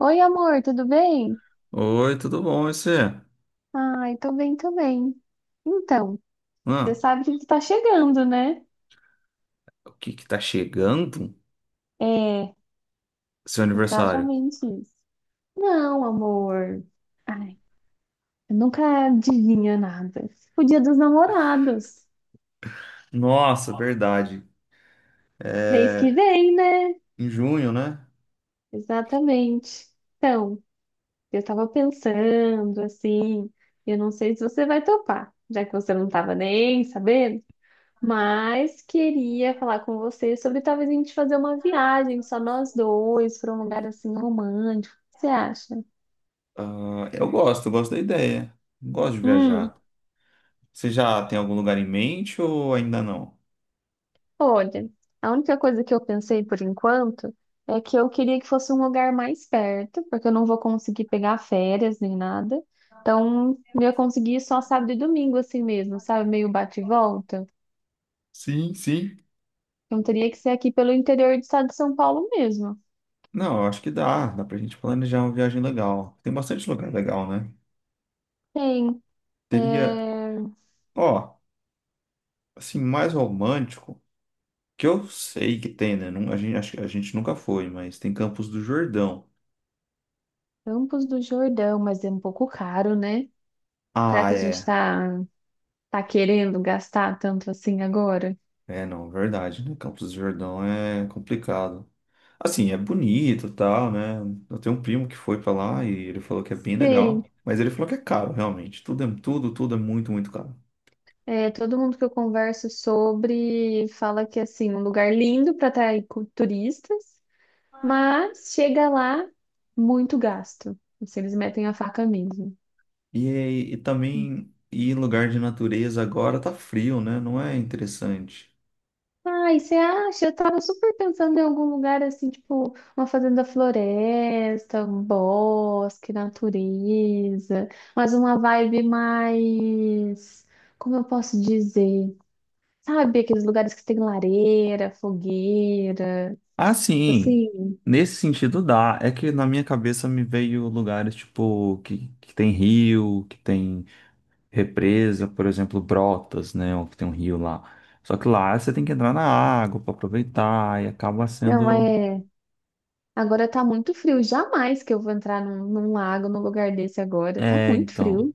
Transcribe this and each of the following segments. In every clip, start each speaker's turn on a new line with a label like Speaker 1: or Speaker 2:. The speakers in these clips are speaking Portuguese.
Speaker 1: Oi, amor, tudo bem?
Speaker 2: Oi, tudo bom? E você?
Speaker 1: Ai, tô bem, tô bem. Então, você
Speaker 2: Hã?
Speaker 1: sabe que tu tá chegando, né?
Speaker 2: O que que tá chegando?
Speaker 1: É,
Speaker 2: Seu aniversário.
Speaker 1: exatamente isso. Não, amor. Ai, eu nunca adivinha nada. O Dia dos Namorados.
Speaker 2: Nossa, verdade.
Speaker 1: Mês que vem, né?
Speaker 2: Em junho, né?
Speaker 1: Exatamente. Então, eu tava pensando assim, eu não sei se você vai topar, já que você não tava nem sabendo. Mas queria falar com você sobre talvez a gente fazer uma viagem, só nós dois, para um lugar assim romântico. O que você acha?
Speaker 2: Ah, eu gosto da ideia. Gosto de
Speaker 1: Hum,
Speaker 2: viajar. Você já tem algum lugar em mente ou ainda não?
Speaker 1: olha, a única coisa que eu pensei por enquanto é que eu queria que fosse um lugar mais perto, porque eu não vou conseguir pegar férias nem nada. Então, eu ia conseguir ir só sábado e domingo assim mesmo, sabe? Meio bate e volta.
Speaker 2: Sim, sim.
Speaker 1: Então, teria que ser aqui pelo interior do estado de São Paulo mesmo.
Speaker 2: Não, eu acho que dá. Dá pra gente planejar uma viagem legal. Tem bastante lugar legal, né?
Speaker 1: Tem,
Speaker 2: Teria,
Speaker 1: é,
Speaker 2: ó, assim, mais romântico, que eu sei que tem, né? A gente, acho que a gente nunca foi, mas tem Campos do Jordão.
Speaker 1: Campos do Jordão, mas é um pouco caro, né? Será
Speaker 2: Ah,
Speaker 1: que a gente
Speaker 2: é.
Speaker 1: tá querendo gastar tanto assim agora?
Speaker 2: É, não, verdade, né? Campos do Jordão é complicado. Assim, é bonito, e tal, né? Eu tenho um primo que foi pra lá e ele falou que é bem legal,
Speaker 1: Sei.
Speaker 2: mas ele falou que é caro, realmente. Tudo é muito, muito caro.
Speaker 1: É, todo mundo que eu converso sobre fala que assim, um lugar lindo para atrair turistas, mas chega lá muito gasto. Assim, eles metem a faca mesmo.
Speaker 2: E, e também ir em lugar de natureza agora tá frio, né? Não é interessante.
Speaker 1: Ai, você acha? Eu tava super pensando em algum lugar assim, tipo, uma fazenda floresta, um bosque, natureza, mas uma vibe mais, como eu posso dizer? Sabe, aqueles lugares que tem lareira, fogueira,
Speaker 2: Ah,
Speaker 1: tipo
Speaker 2: sim.
Speaker 1: assim,
Speaker 2: Nesse sentido dá. É que na minha cabeça me veio lugares tipo que tem rio, que tem represa, por exemplo, Brotas, né? Que tem um rio lá. Só que lá você tem que entrar na água para aproveitar e acaba
Speaker 1: não
Speaker 2: sendo.
Speaker 1: é. Agora tá muito frio, jamais que eu vou entrar num lago, num lugar desse agora, tá
Speaker 2: É,
Speaker 1: muito
Speaker 2: então.
Speaker 1: frio.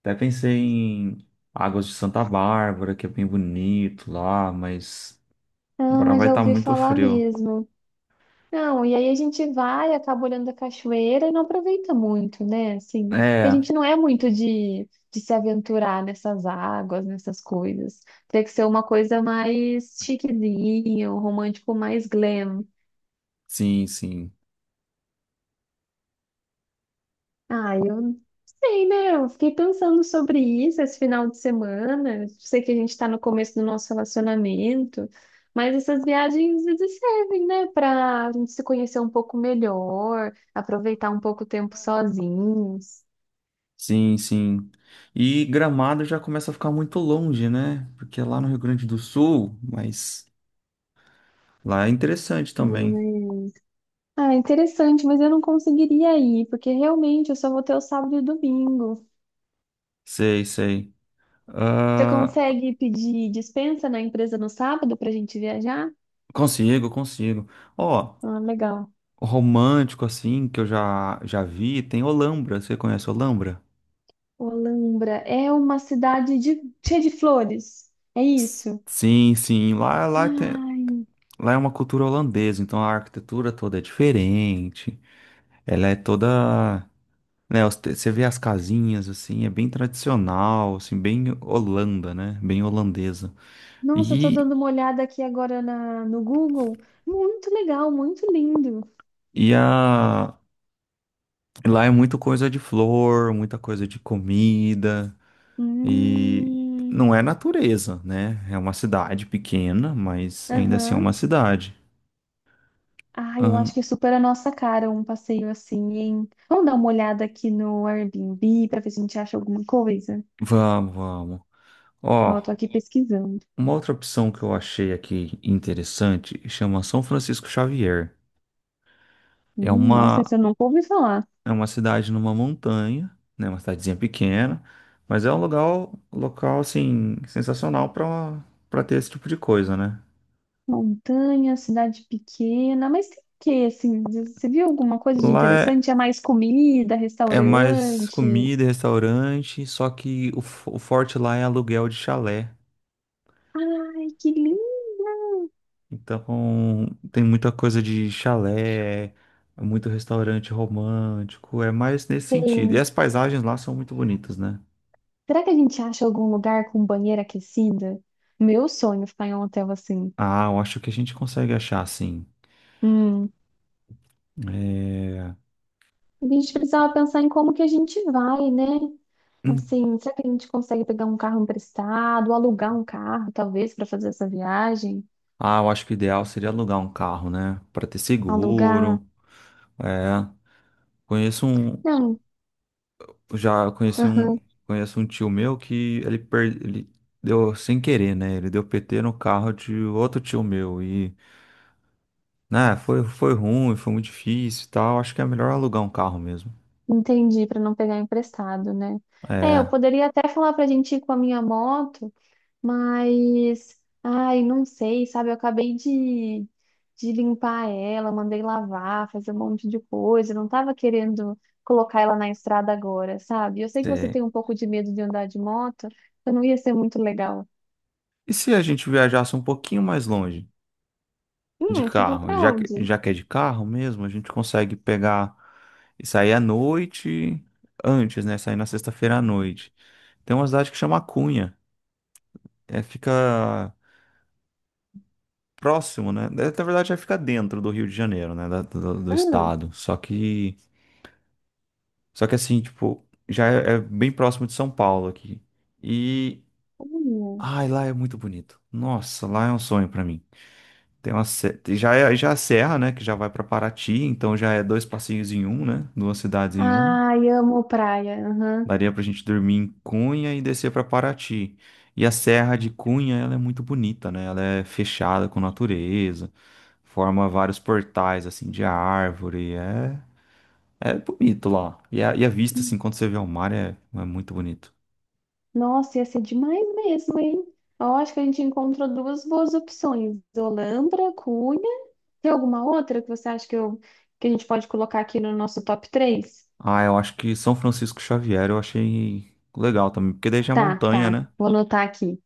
Speaker 2: Até pensei em Águas de Santa Bárbara, que é bem bonito lá, mas agora
Speaker 1: Ah,
Speaker 2: vai
Speaker 1: já
Speaker 2: estar
Speaker 1: ouvi
Speaker 2: muito
Speaker 1: falar
Speaker 2: frio.
Speaker 1: mesmo. Não, e aí a gente vai, acaba olhando a cachoeira e não aproveita muito, né? Assim, porque a
Speaker 2: É,
Speaker 1: gente não é muito de se aventurar nessas águas, nessas coisas. Tem que ser uma coisa mais chiquezinha, um romântico mais glam.
Speaker 2: sim, sim.
Speaker 1: Ah, eu sei, né? Eu fiquei pensando sobre isso esse final de semana. Eu sei que a gente está no começo do nosso relacionamento, mas essas viagens às vezes servem, né? Para a gente se conhecer um pouco melhor, aproveitar um pouco o tempo sozinhos.
Speaker 2: Sim, sim. E Gramado já começa a ficar muito longe, né? Porque é lá no Rio Grande do Sul, mas lá é interessante também.
Speaker 1: Mas- Ah, interessante, mas eu não conseguiria ir, porque realmente eu só vou ter o sábado e domingo.
Speaker 2: Sei, sei.
Speaker 1: Você
Speaker 2: Ah,
Speaker 1: consegue pedir dispensa na empresa no sábado para a gente viajar?
Speaker 2: consigo, consigo. Ó,
Speaker 1: Ah, legal.
Speaker 2: romântico assim que eu já vi, tem Olambra. Você conhece Olambra?
Speaker 1: Olambra é uma cidade de- cheia de flores. É
Speaker 2: S-
Speaker 1: isso?
Speaker 2: Sim, sim. Lá tem,
Speaker 1: Ai,
Speaker 2: lá é uma cultura holandesa, então a arquitetura toda é diferente. Ela é toda, né, os você vê as casinhas assim, é bem tradicional, assim, bem Holanda, né? Bem holandesa.
Speaker 1: nossa, eu tô
Speaker 2: E
Speaker 1: dando uma olhada aqui agora na, no Google. Muito legal, muito lindo.
Speaker 2: e a lá é muita coisa de flor, muita coisa de comida. E
Speaker 1: Hum,
Speaker 2: não é natureza, né? É uma cidade pequena, mas ainda assim é
Speaker 1: aham.
Speaker 2: uma cidade.
Speaker 1: Ai, eu
Speaker 2: Ahn,
Speaker 1: acho que é super a nossa cara um passeio assim, hein? Vamos dar uma olhada aqui no Airbnb para ver se a gente acha alguma coisa.
Speaker 2: vamos, vamos.
Speaker 1: Ó, eu tô
Speaker 2: Ó,
Speaker 1: aqui pesquisando.
Speaker 2: uma outra opção que eu achei aqui interessante chama São Francisco Xavier. É
Speaker 1: Nossa, esse
Speaker 2: uma,
Speaker 1: eu nunca ouvi falar.
Speaker 2: é uma cidade numa montanha, né? Uma cidadezinha pequena, mas é um lugar, local assim, sensacional para ter esse tipo de coisa, né?
Speaker 1: Montanha, cidade pequena, mas tem o quê, assim? Você viu alguma coisa de
Speaker 2: Lá é,
Speaker 1: interessante? É mais comida,
Speaker 2: é mais
Speaker 1: restaurante?
Speaker 2: comida, e restaurante, só que o forte lá é aluguel de chalé.
Speaker 1: Ai, que lindo!
Speaker 2: Então, tem muita coisa de chalé, muito restaurante romântico, é mais nesse sentido. E
Speaker 1: Hein?
Speaker 2: as paisagens lá são muito bonitas, né?
Speaker 1: Será que a gente acha algum lugar com banheira aquecida? Meu sonho é ficar em um hotel assim.
Speaker 2: Ah, eu acho que a gente consegue achar, sim.
Speaker 1: Hum.
Speaker 2: É,
Speaker 1: A gente precisava pensar em como que a gente vai, né?
Speaker 2: hum.
Speaker 1: Assim, será que a gente consegue pegar um carro emprestado, alugar um carro, talvez, para fazer essa viagem?
Speaker 2: Ah, eu acho que o ideal seria alugar um carro, né? Para ter
Speaker 1: Alugar?
Speaker 2: seguro. É, conheço um,
Speaker 1: Não.
Speaker 2: já conheci um, conheço um tio meu que ele deu sem querer, né? Ele deu PT no carro de outro tio meu e né, foi ruim, foi muito difícil e tal. Acho que é melhor alugar um carro mesmo.
Speaker 1: Entendi, para não pegar emprestado, né? É, eu
Speaker 2: É,
Speaker 1: poderia até falar pra gente ir com a minha moto, mas ai, não sei, sabe? Eu acabei de limpar ela, mandei lavar, fazer um monte de coisa, não tava querendo colocar ela na estrada agora, sabe? Eu sei que você
Speaker 2: é.
Speaker 1: tem um pouco de medo de andar de moto, então não ia ser muito legal.
Speaker 2: E se a gente viajasse um pouquinho mais longe de
Speaker 1: Tipo,
Speaker 2: carro?
Speaker 1: pra
Speaker 2: Já que,
Speaker 1: onde?
Speaker 2: já que é de carro mesmo, a gente consegue pegar e sair à noite antes, né? Sair na sexta-feira à noite. Tem uma cidade que chama Cunha. É, fica próximo, né? é, na verdade, já fica dentro do Rio de Janeiro, né? Do, do
Speaker 1: Ah,
Speaker 2: estado. Só que assim, tipo, já é bem próximo de São Paulo aqui. E
Speaker 1: olha.
Speaker 2: ai, lá é muito bonito. Nossa, lá é um sonho pra mim. Tem uma já é a serra, né, que já vai pra Paraty, então já é dois passinhos em um, né? Duas cidades em uma.
Speaker 1: Ai, amo praia. Aham.
Speaker 2: Daria pra gente dormir em Cunha e descer pra Paraty. E a serra de Cunha, ela é muito bonita, né? Ela é fechada com natureza, forma vários portais assim de árvore, é bonito lá. E a vista assim quando você vê o mar é muito bonito.
Speaker 1: Nossa, ia ser demais mesmo, hein? Eu acho que a gente encontrou duas boas opções: Olambra, Cunha. Tem alguma outra que você acha que a gente pode colocar aqui no nosso top três.
Speaker 2: Ah, eu acho que São Francisco Xavier eu achei legal também, porque daí já é
Speaker 1: Tá,
Speaker 2: montanha,
Speaker 1: tá.
Speaker 2: né?
Speaker 1: Vou anotar aqui.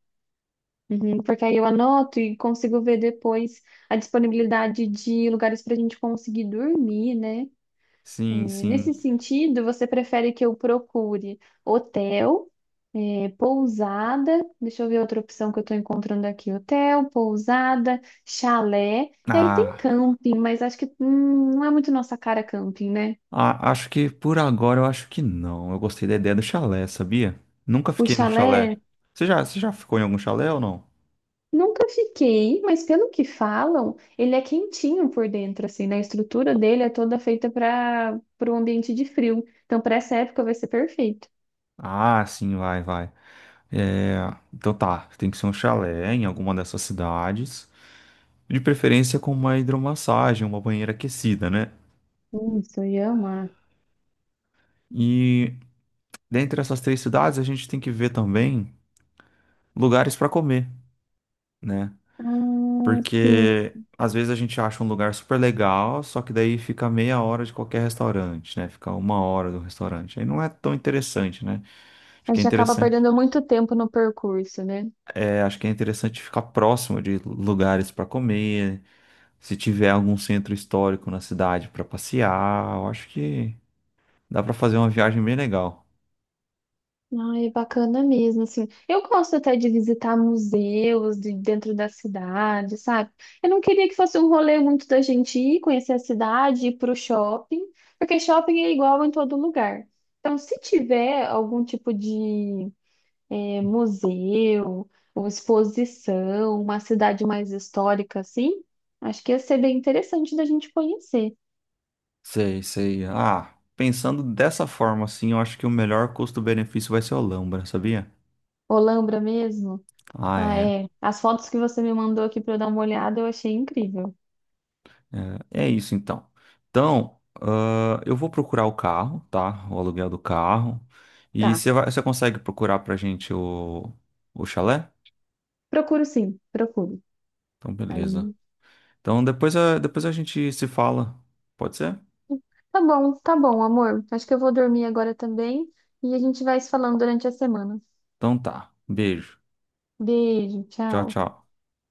Speaker 1: Uhum, porque aí eu anoto e consigo ver depois a disponibilidade de lugares para a gente conseguir dormir, né? É,
Speaker 2: Sim,
Speaker 1: nesse
Speaker 2: sim.
Speaker 1: sentido, você prefere que eu procure hotel, é, pousada, deixa eu ver outra opção que eu estou encontrando aqui, hotel, pousada, chalé, e aí tem
Speaker 2: Ah,
Speaker 1: camping, mas acho que não é muito nossa cara camping, né?
Speaker 2: acho que por agora eu acho que não. Eu gostei da ideia do chalé, sabia? Nunca
Speaker 1: O
Speaker 2: fiquei num chalé.
Speaker 1: chalé,
Speaker 2: Você já ficou em algum chalé ou não?
Speaker 1: nunca fiquei, mas pelo que falam, ele é quentinho por dentro, assim, né? A estrutura dele é toda feita para um ambiente de frio, então para essa época vai ser perfeito.
Speaker 2: Ah, sim, vai, vai. É, então tá, tem que ser um chalé em alguma dessas cidades. De preferência com uma hidromassagem, uma banheira aquecida, né?
Speaker 1: Isso, eu ia amar.
Speaker 2: E dentre essas três cidades a gente tem que ver também lugares para comer, né?
Speaker 1: Ah, sim.
Speaker 2: Porque às vezes a gente acha um lugar super legal, só que daí fica meia hora de qualquer restaurante, né? Fica uma hora do restaurante. Aí não é tão interessante, né? Acho
Speaker 1: A
Speaker 2: que é
Speaker 1: gente acaba
Speaker 2: interessante,
Speaker 1: perdendo muito tempo no percurso, né?
Speaker 2: acho que é interessante ficar próximo de lugares para comer, se tiver algum centro histórico na cidade para passear, eu acho que dá para fazer uma viagem bem legal.
Speaker 1: Ai, é bacana mesmo, assim. Eu gosto até de visitar museus de dentro da cidade, sabe? Eu não queria que fosse um rolê muito da gente ir conhecer a cidade, ir pro shopping, porque shopping é igual em todo lugar. Então, se tiver algum tipo de museu ou exposição, uma cidade mais histórica, assim, acho que ia ser bem interessante da gente conhecer.
Speaker 2: Sei, sei. Ah, pensando dessa forma assim, eu acho que o melhor custo-benefício vai ser Olambra, sabia?
Speaker 1: Olambra mesmo.
Speaker 2: Ah,
Speaker 1: Ah,
Speaker 2: é.
Speaker 1: é. As fotos que você me mandou aqui pra eu dar uma olhada, eu achei incrível.
Speaker 2: É é isso então. Então, ah, eu vou procurar o carro, tá? O aluguel do carro.
Speaker 1: Tá.
Speaker 2: Você consegue procurar pra gente o chalé?
Speaker 1: Procuro sim, procuro.
Speaker 2: Então, beleza.
Speaker 1: Aí.
Speaker 2: Então, depois a gente se fala. Pode ser?
Speaker 1: Tá bom, amor. Acho que eu vou dormir agora também e a gente vai se falando durante a semana.
Speaker 2: Então tá. Beijo.
Speaker 1: Beijo,
Speaker 2: Tchau,
Speaker 1: tchau.
Speaker 2: tchau.